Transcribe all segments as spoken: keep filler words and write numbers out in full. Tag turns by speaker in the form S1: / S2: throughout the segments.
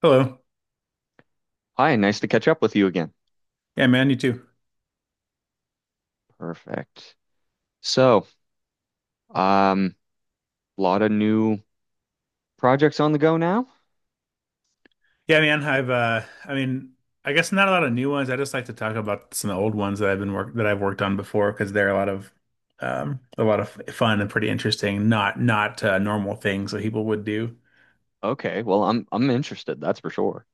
S1: Hello.
S2: Hi, nice to catch up with you again.
S1: Yeah, man, you too.
S2: Perfect. So, um, Lot of new projects on the go now?
S1: Yeah, man, I've uh I mean, I guess not a lot of new ones. I just like to talk about some old ones that I've been work that I've worked on before because they're a lot of um a lot of fun and pretty interesting, not not uh, normal things that people would do.
S2: Okay, well, I'm I'm interested, that's for sure.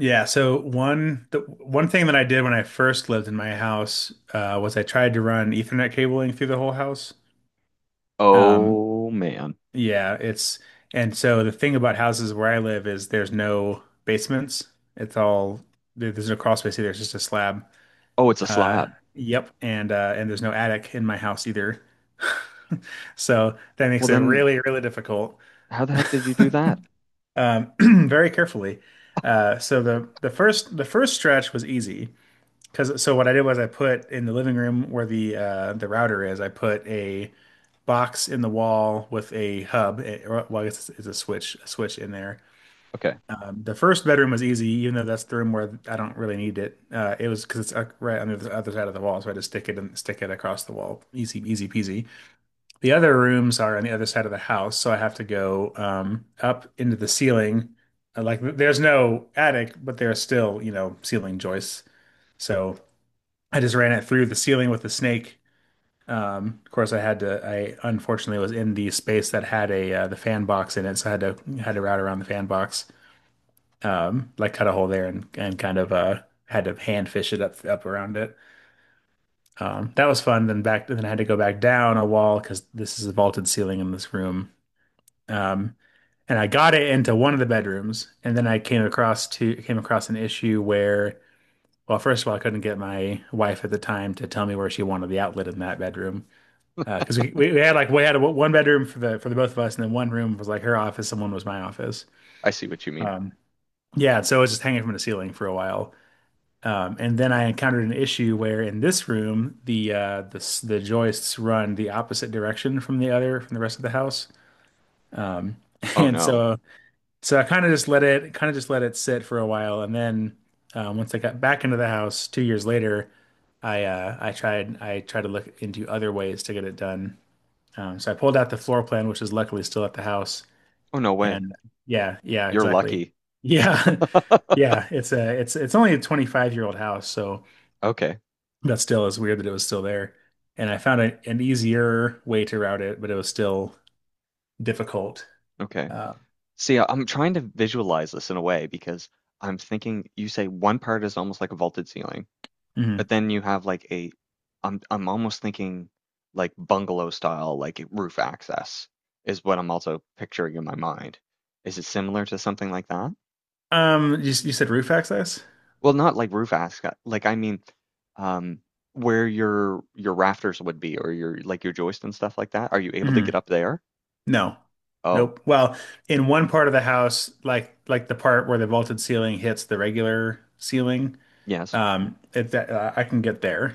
S1: Yeah, so one the one thing that I did when I first lived in my house uh was I tried to run Ethernet cabling through the whole house. Um
S2: Oh man.
S1: Yeah, it's and so the thing about houses where I live is there's no basements. It's all there- there's no crawl space either. It's just a slab.
S2: Oh, it's a
S1: Uh,
S2: slab.
S1: yep, and uh, and there's no attic in my house either. So that
S2: Well
S1: makes it
S2: then,
S1: really, really difficult.
S2: how the heck did you do that?
S1: Um, Very carefully. Uh, so the the first the first stretch was easy because so what I did was I put in the living room where the uh, the router is. I put a box in the wall with a hub, eh, or well, I guess it's, it's a switch a switch in there.
S2: Okay,
S1: The first bedroom was easy, even though that's the room where I don't really need it. Uh, it was because it's uh, right on the other side of the wall, so I just stick it and stick it across the wall. Easy, easy peasy. The other rooms are on the other side of the house, so I have to go um, up into the ceiling. Uh, Like there's no attic, but there's still, you know, ceiling joists. So I just ran it through the ceiling with the snake. Um, of course, I had to. I unfortunately was in the space that had a uh, the fan box in it, so I had to had to route around the fan box, um, like cut a hole there, and, and kind of uh, had to hand fish it up up around it. Um, that was fun. Then back then I had to go back down a wall because this is a vaulted ceiling in this room. Um, and I got it into one of the bedrooms, and then I came across to came across an issue where, well, first of all, I couldn't get my wife at the time to tell me where she wanted the outlet in that bedroom. Because we, we we had like we had a, one bedroom for the for the both of us, and then one room was like her office, and one was my office.
S2: I see what you mean.
S1: Um, yeah, so it was just hanging from the ceiling for a while. Um, and then I encountered an issue where in this room the uh, the s- the joists run the opposite direction from the other from the rest of the house. Um,
S2: Oh
S1: and
S2: no.
S1: so so I kind of just let it kind of just let it sit for a while, and then, um, once I got back into the house two years later, I uh, I tried I tried to look into other ways to get it done. Um, so I pulled out the floor plan, which is luckily still at the house.
S2: Oh no way.
S1: And yeah, yeah,
S2: You're
S1: exactly.
S2: lucky.
S1: Yeah, yeah. It's a it's it's only a twenty-five year old house, so.
S2: Okay,
S1: That still is weird that it was still there. And I found a, an easier way to route it, but it was still difficult.
S2: okay.
S1: Uh,
S2: See, I- I'm trying to visualize this in a way because I'm thinking you say one part is almost like a vaulted ceiling.
S1: mhm.
S2: But then you have like a, I'm I'm almost thinking like bungalow style, like roof access is what I'm also picturing in my mind. Is it similar to something like that?
S1: Um, you, you said roof access?
S2: Well, not like roof access, like I mean, um, where your your rafters would be or your like your joist and stuff like that. Are you able to
S1: Hmm.
S2: get up there?
S1: No.
S2: Oh,
S1: Nope. Well, in one part of the house, like like the part where the vaulted ceiling hits the regular ceiling,
S2: yes.
S1: um, it, that, uh, I can get there,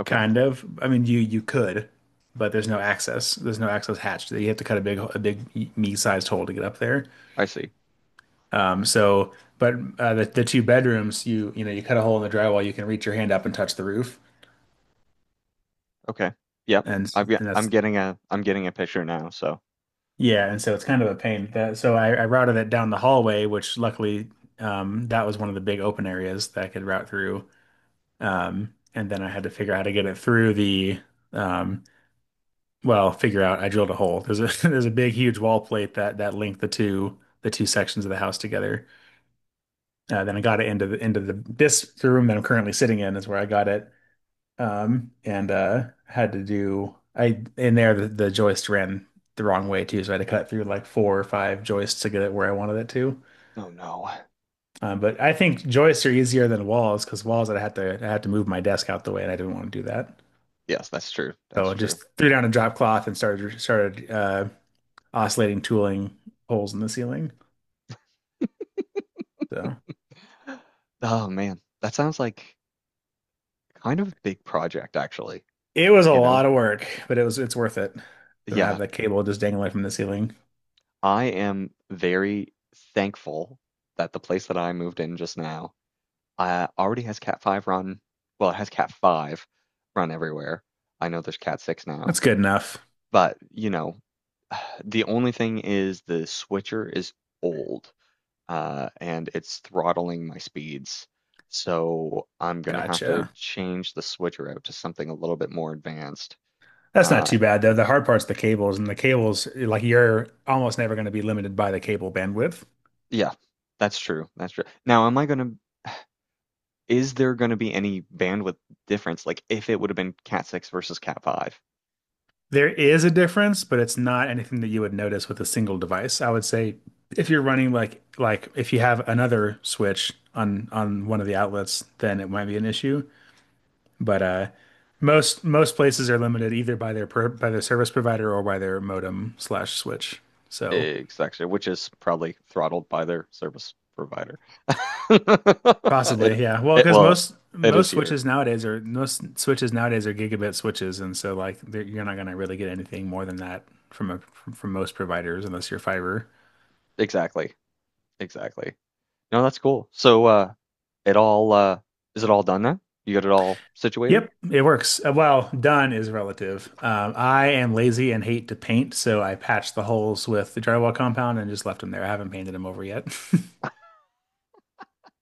S2: Okay,
S1: kind of. I mean, you you could, but there's no access. There's no access hatch. You have to cut a big a big e-, me-sized hole to get up there.
S2: I see.
S1: Um, so, but uh, the, the two bedrooms, you you know, you cut a hole in the drywall, you can reach your hand up and touch the roof,
S2: Okay, yep.
S1: and
S2: I've got,
S1: and
S2: I'm
S1: that's
S2: getting a I'm getting a picture now. So,
S1: yeah, and so it's kind of a pain. That so I, I routed it down the hallway, which luckily, um, that was one of the big open areas that I could route through. Um, and then I had to figure out how to get it through the, um, well, figure out. I drilled a hole. There's a there's a big huge wall plate that that linked the two the two sections of the house together. Uh, then I got it into the into the this the room that I'm currently sitting in is where I got it, um, and uh, had to do I in there the, the joist ran the wrong way too, so I had to cut through like four or five joists to get it where I wanted it to.
S2: oh no.
S1: Um, but I think joists are easier than walls because walls I had to I had to move my desk out the way, and I didn't want to do that.
S2: Yes, that's true. That's
S1: So I
S2: true.
S1: just threw down a drop cloth and started started uh, oscillating tooling holes in the ceiling. So
S2: Oh man, that sounds like kind of a big project, actually,
S1: it was a
S2: you know?
S1: lot of work, but it was it's worth it. Then I have
S2: Yeah,
S1: the cable just dangling from the ceiling.
S2: I am very thankful that the place that I moved in just now uh, already has Cat five run. Well, it has Cat five run everywhere. I know there's Cat six now,
S1: That's good enough.
S2: but you know, the only thing is the switcher is old, uh, and it's throttling my speeds. So I'm gonna have to
S1: Gotcha.
S2: change the switcher out to something a little bit more advanced.
S1: That's not
S2: Uh,
S1: too bad though. The hard part's the cables, and the cables, like you're almost never going to be limited by the cable bandwidth.
S2: Yeah, that's true, that's true. Now, am I gonna is there gonna be any bandwidth difference, like, if it would've been Cat six versus Cat five?
S1: There is a difference, but it's not anything that you would notice with a single device. I would say if you're running like like if you have another switch on on one of the outlets, then it might be an issue. But uh most most places are limited either by their per, by their service provider or by their modem slash switch. So
S2: Exactly, which is probably throttled by their service provider. It
S1: possibly, yeah. Well,
S2: it
S1: because
S2: Well,
S1: most
S2: it is
S1: most
S2: here.
S1: switches nowadays are most switches nowadays are gigabit switches, and so like they're- you're not gonna really get anything more than that from a from, from most providers unless you're fiber.
S2: Exactly, exactly. No, that's cool. So, uh, it all, uh is it all done now? You got it all situated?
S1: Yep, it works. Uh, Well, done is relative. Um, I am lazy and hate to paint, so I patched the holes with the drywall compound and just left them there. I haven't painted them over yet.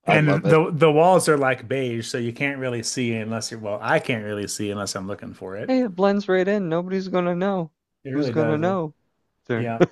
S2: I love
S1: And
S2: it.
S1: the the walls are like beige, so you can't really see unless you're, well, I can't really see unless I'm looking for it.
S2: Hey, it blends right in. Nobody's gonna know.
S1: It
S2: Who's
S1: really
S2: gonna
S1: does. uh,
S2: know? There.
S1: Yeah.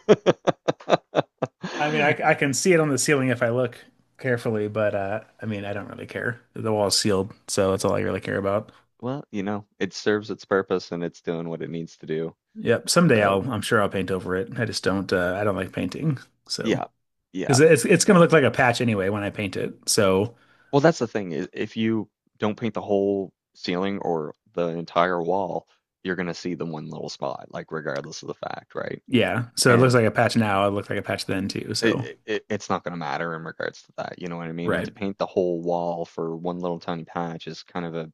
S1: I mean, I, I can see it on the ceiling if I look carefully, but uh, I mean, I don't really care. The wall's sealed, so that's all I really care about.
S2: Well, you know, it serves its purpose and it's doing what it needs to do.
S1: Yep. Someday
S2: So,
S1: I'll, I'm sure I'll paint over it. I just don't, uh, I don't like painting. So,
S2: yeah. Yeah.
S1: because it's, it's going to look like a patch anyway when I paint it. So,
S2: Well, that's the thing is if you don't paint the whole ceiling or the entire wall, you're going to see the one little spot, like regardless of the fact, right?
S1: yeah. So it looks
S2: And
S1: like a patch now. It looked like a patch then too.
S2: it,
S1: So,
S2: it it- it's not going to matter in regards to that, you know what I mean? And
S1: right.
S2: to paint the whole wall for one little tiny patch is kind of a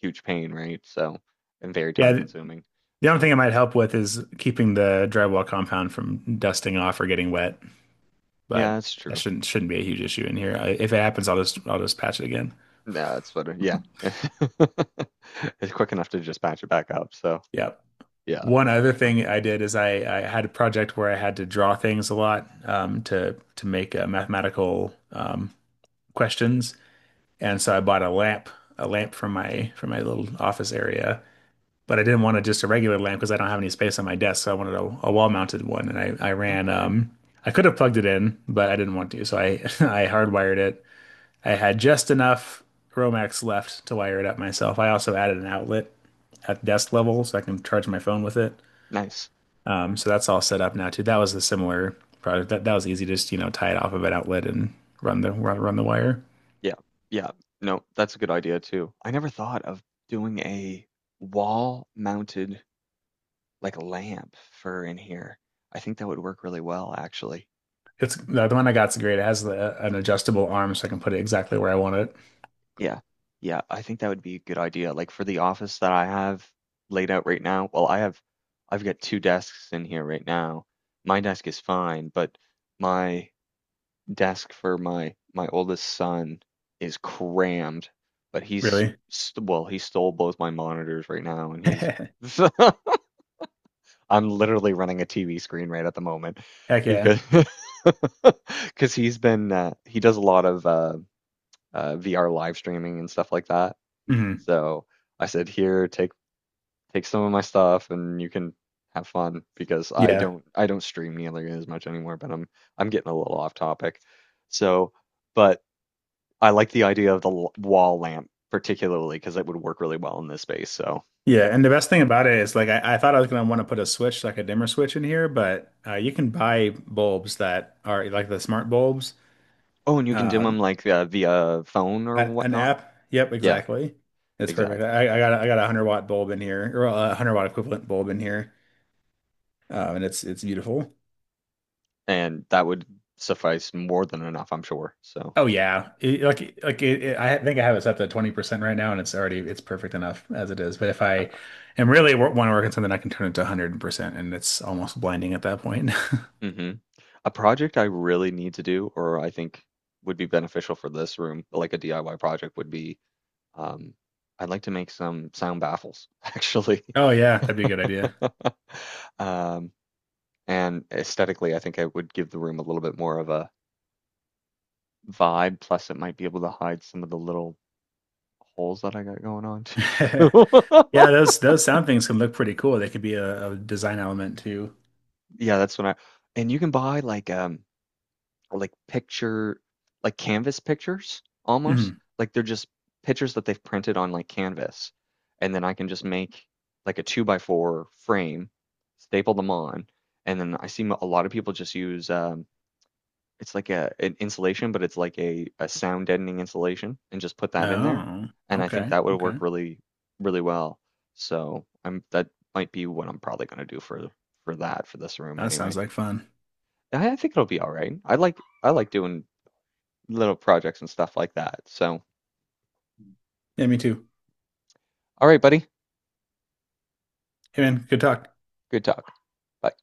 S2: huge pain, right? So, and very
S1: Yeah.
S2: time
S1: th-
S2: consuming.
S1: The only
S2: So,
S1: thing it might help with is keeping the drywall compound from dusting off or getting wet,
S2: yeah,
S1: but
S2: that's
S1: that
S2: true.
S1: shouldn't, shouldn't be a huge issue in here. I, if it happens, I'll just, I'll just patch it again.
S2: No, that's better. Yeah. It's quick enough to just patch it back up. So,
S1: Yeah.
S2: yeah,
S1: One
S2: for
S1: other
S2: sure.
S1: thing I did is I, I had a project where I had to draw things a lot, um, to to make uh, mathematical um, questions, and so I bought a lamp a lamp from my from my little office area. But I didn't want to just a regular lamp because I don't have any space on my desk, so I wanted a, a wall mounted one. And I I ran.
S2: Okay.
S1: um, I could have plugged it in, but I didn't want to, so I I hardwired it. I had just enough Romax left to wire it up myself. I also added an outlet at desk level so I can charge my phone with it.
S2: Nice.
S1: Um, so that's all set up now too. That was the similar project. That that was easy. Just you know tie it off of an outlet and run the run, run the wire.
S2: Yeah. Yeah. No, that's a good idea too. I never thought of doing a wall mounted like lamp for in here. I think that would work really well actually.
S1: It's the the one I got's great. It has the, an adjustable arm, so I can put it exactly where I want it.
S2: Yeah. Yeah, I think that would be a good idea. Like for the office that I have laid out right now, well, I have I've got two desks in here right now. My desk is fine, but my desk for my my oldest son is crammed, but he's
S1: Really?
S2: st- well, he stole both my monitors right now, and he's
S1: Heck
S2: I'm literally running a T V screen right at the moment
S1: yeah.
S2: because because he's been uh, he does a lot of uh, uh, V R live streaming and stuff like that.
S1: Hmm.
S2: So I said, here, take take some of my stuff, and you can have fun because I
S1: Yeah.
S2: don't I don't stream nearly as much anymore, but I'm I'm getting a little off topic. So, but I like the idea of the l- wall lamp particularly because it would work really well in this space. So,
S1: Yeah. And the best thing about it is like I, I thought I was gonna want to put a switch, like a dimmer switch in here, but uh, you can buy bulbs that are like the smart bulbs.
S2: oh, and you can dim
S1: Um,
S2: them like uh, via phone or
S1: an, an
S2: whatnot.
S1: app. Yep,
S2: Yeah,
S1: exactly. It's perfect.
S2: exactly.
S1: I, I got a- I got a hundred watt bulb in here, or a hundred watt equivalent bulb in here, um, and it's it's beautiful.
S2: And that would suffice more than enough, I'm sure. So,
S1: Oh yeah, It- like like it, it- I think I have it set to twenty percent right now, and it's already it's perfect enough as it is. But if I am really want to work on something, I can turn it to one hundred percent, and it's almost blinding at that point.
S2: hmm a project I really need to do, or I think would be beneficial for this room, like a D I Y project, would be um, I'd like to make some sound baffles, actually.
S1: Oh yeah, that'd be a good idea.
S2: um, and aesthetically, I think I would give the room a little bit more of a vibe. Plus, it might be able to hide some of the little holes that I got going on too.
S1: Yeah, those those sound things can look pretty cool. They could be a, a design element too.
S2: Yeah, that's when I. And you can buy like um like picture like canvas pictures almost
S1: Mhm.
S2: like they're just pictures that they've printed on like canvas, and then I can just make like a two by four frame, staple them on, and then I see a lot of people just use um it's like a an insulation, but it's like a a sound deadening insulation, and just put that in there,
S1: Oh,
S2: and I think
S1: okay,
S2: that would work
S1: okay.
S2: really, really well. So I'm that might be what I'm probably gonna do for for that for this room
S1: That sounds
S2: anyway.
S1: like fun.
S2: And I, I think it'll be all right. I like I like doing little projects and stuff like that. So
S1: Yeah, me too.
S2: all right, buddy.
S1: Hey man, good talk.
S2: Good talk. Bye.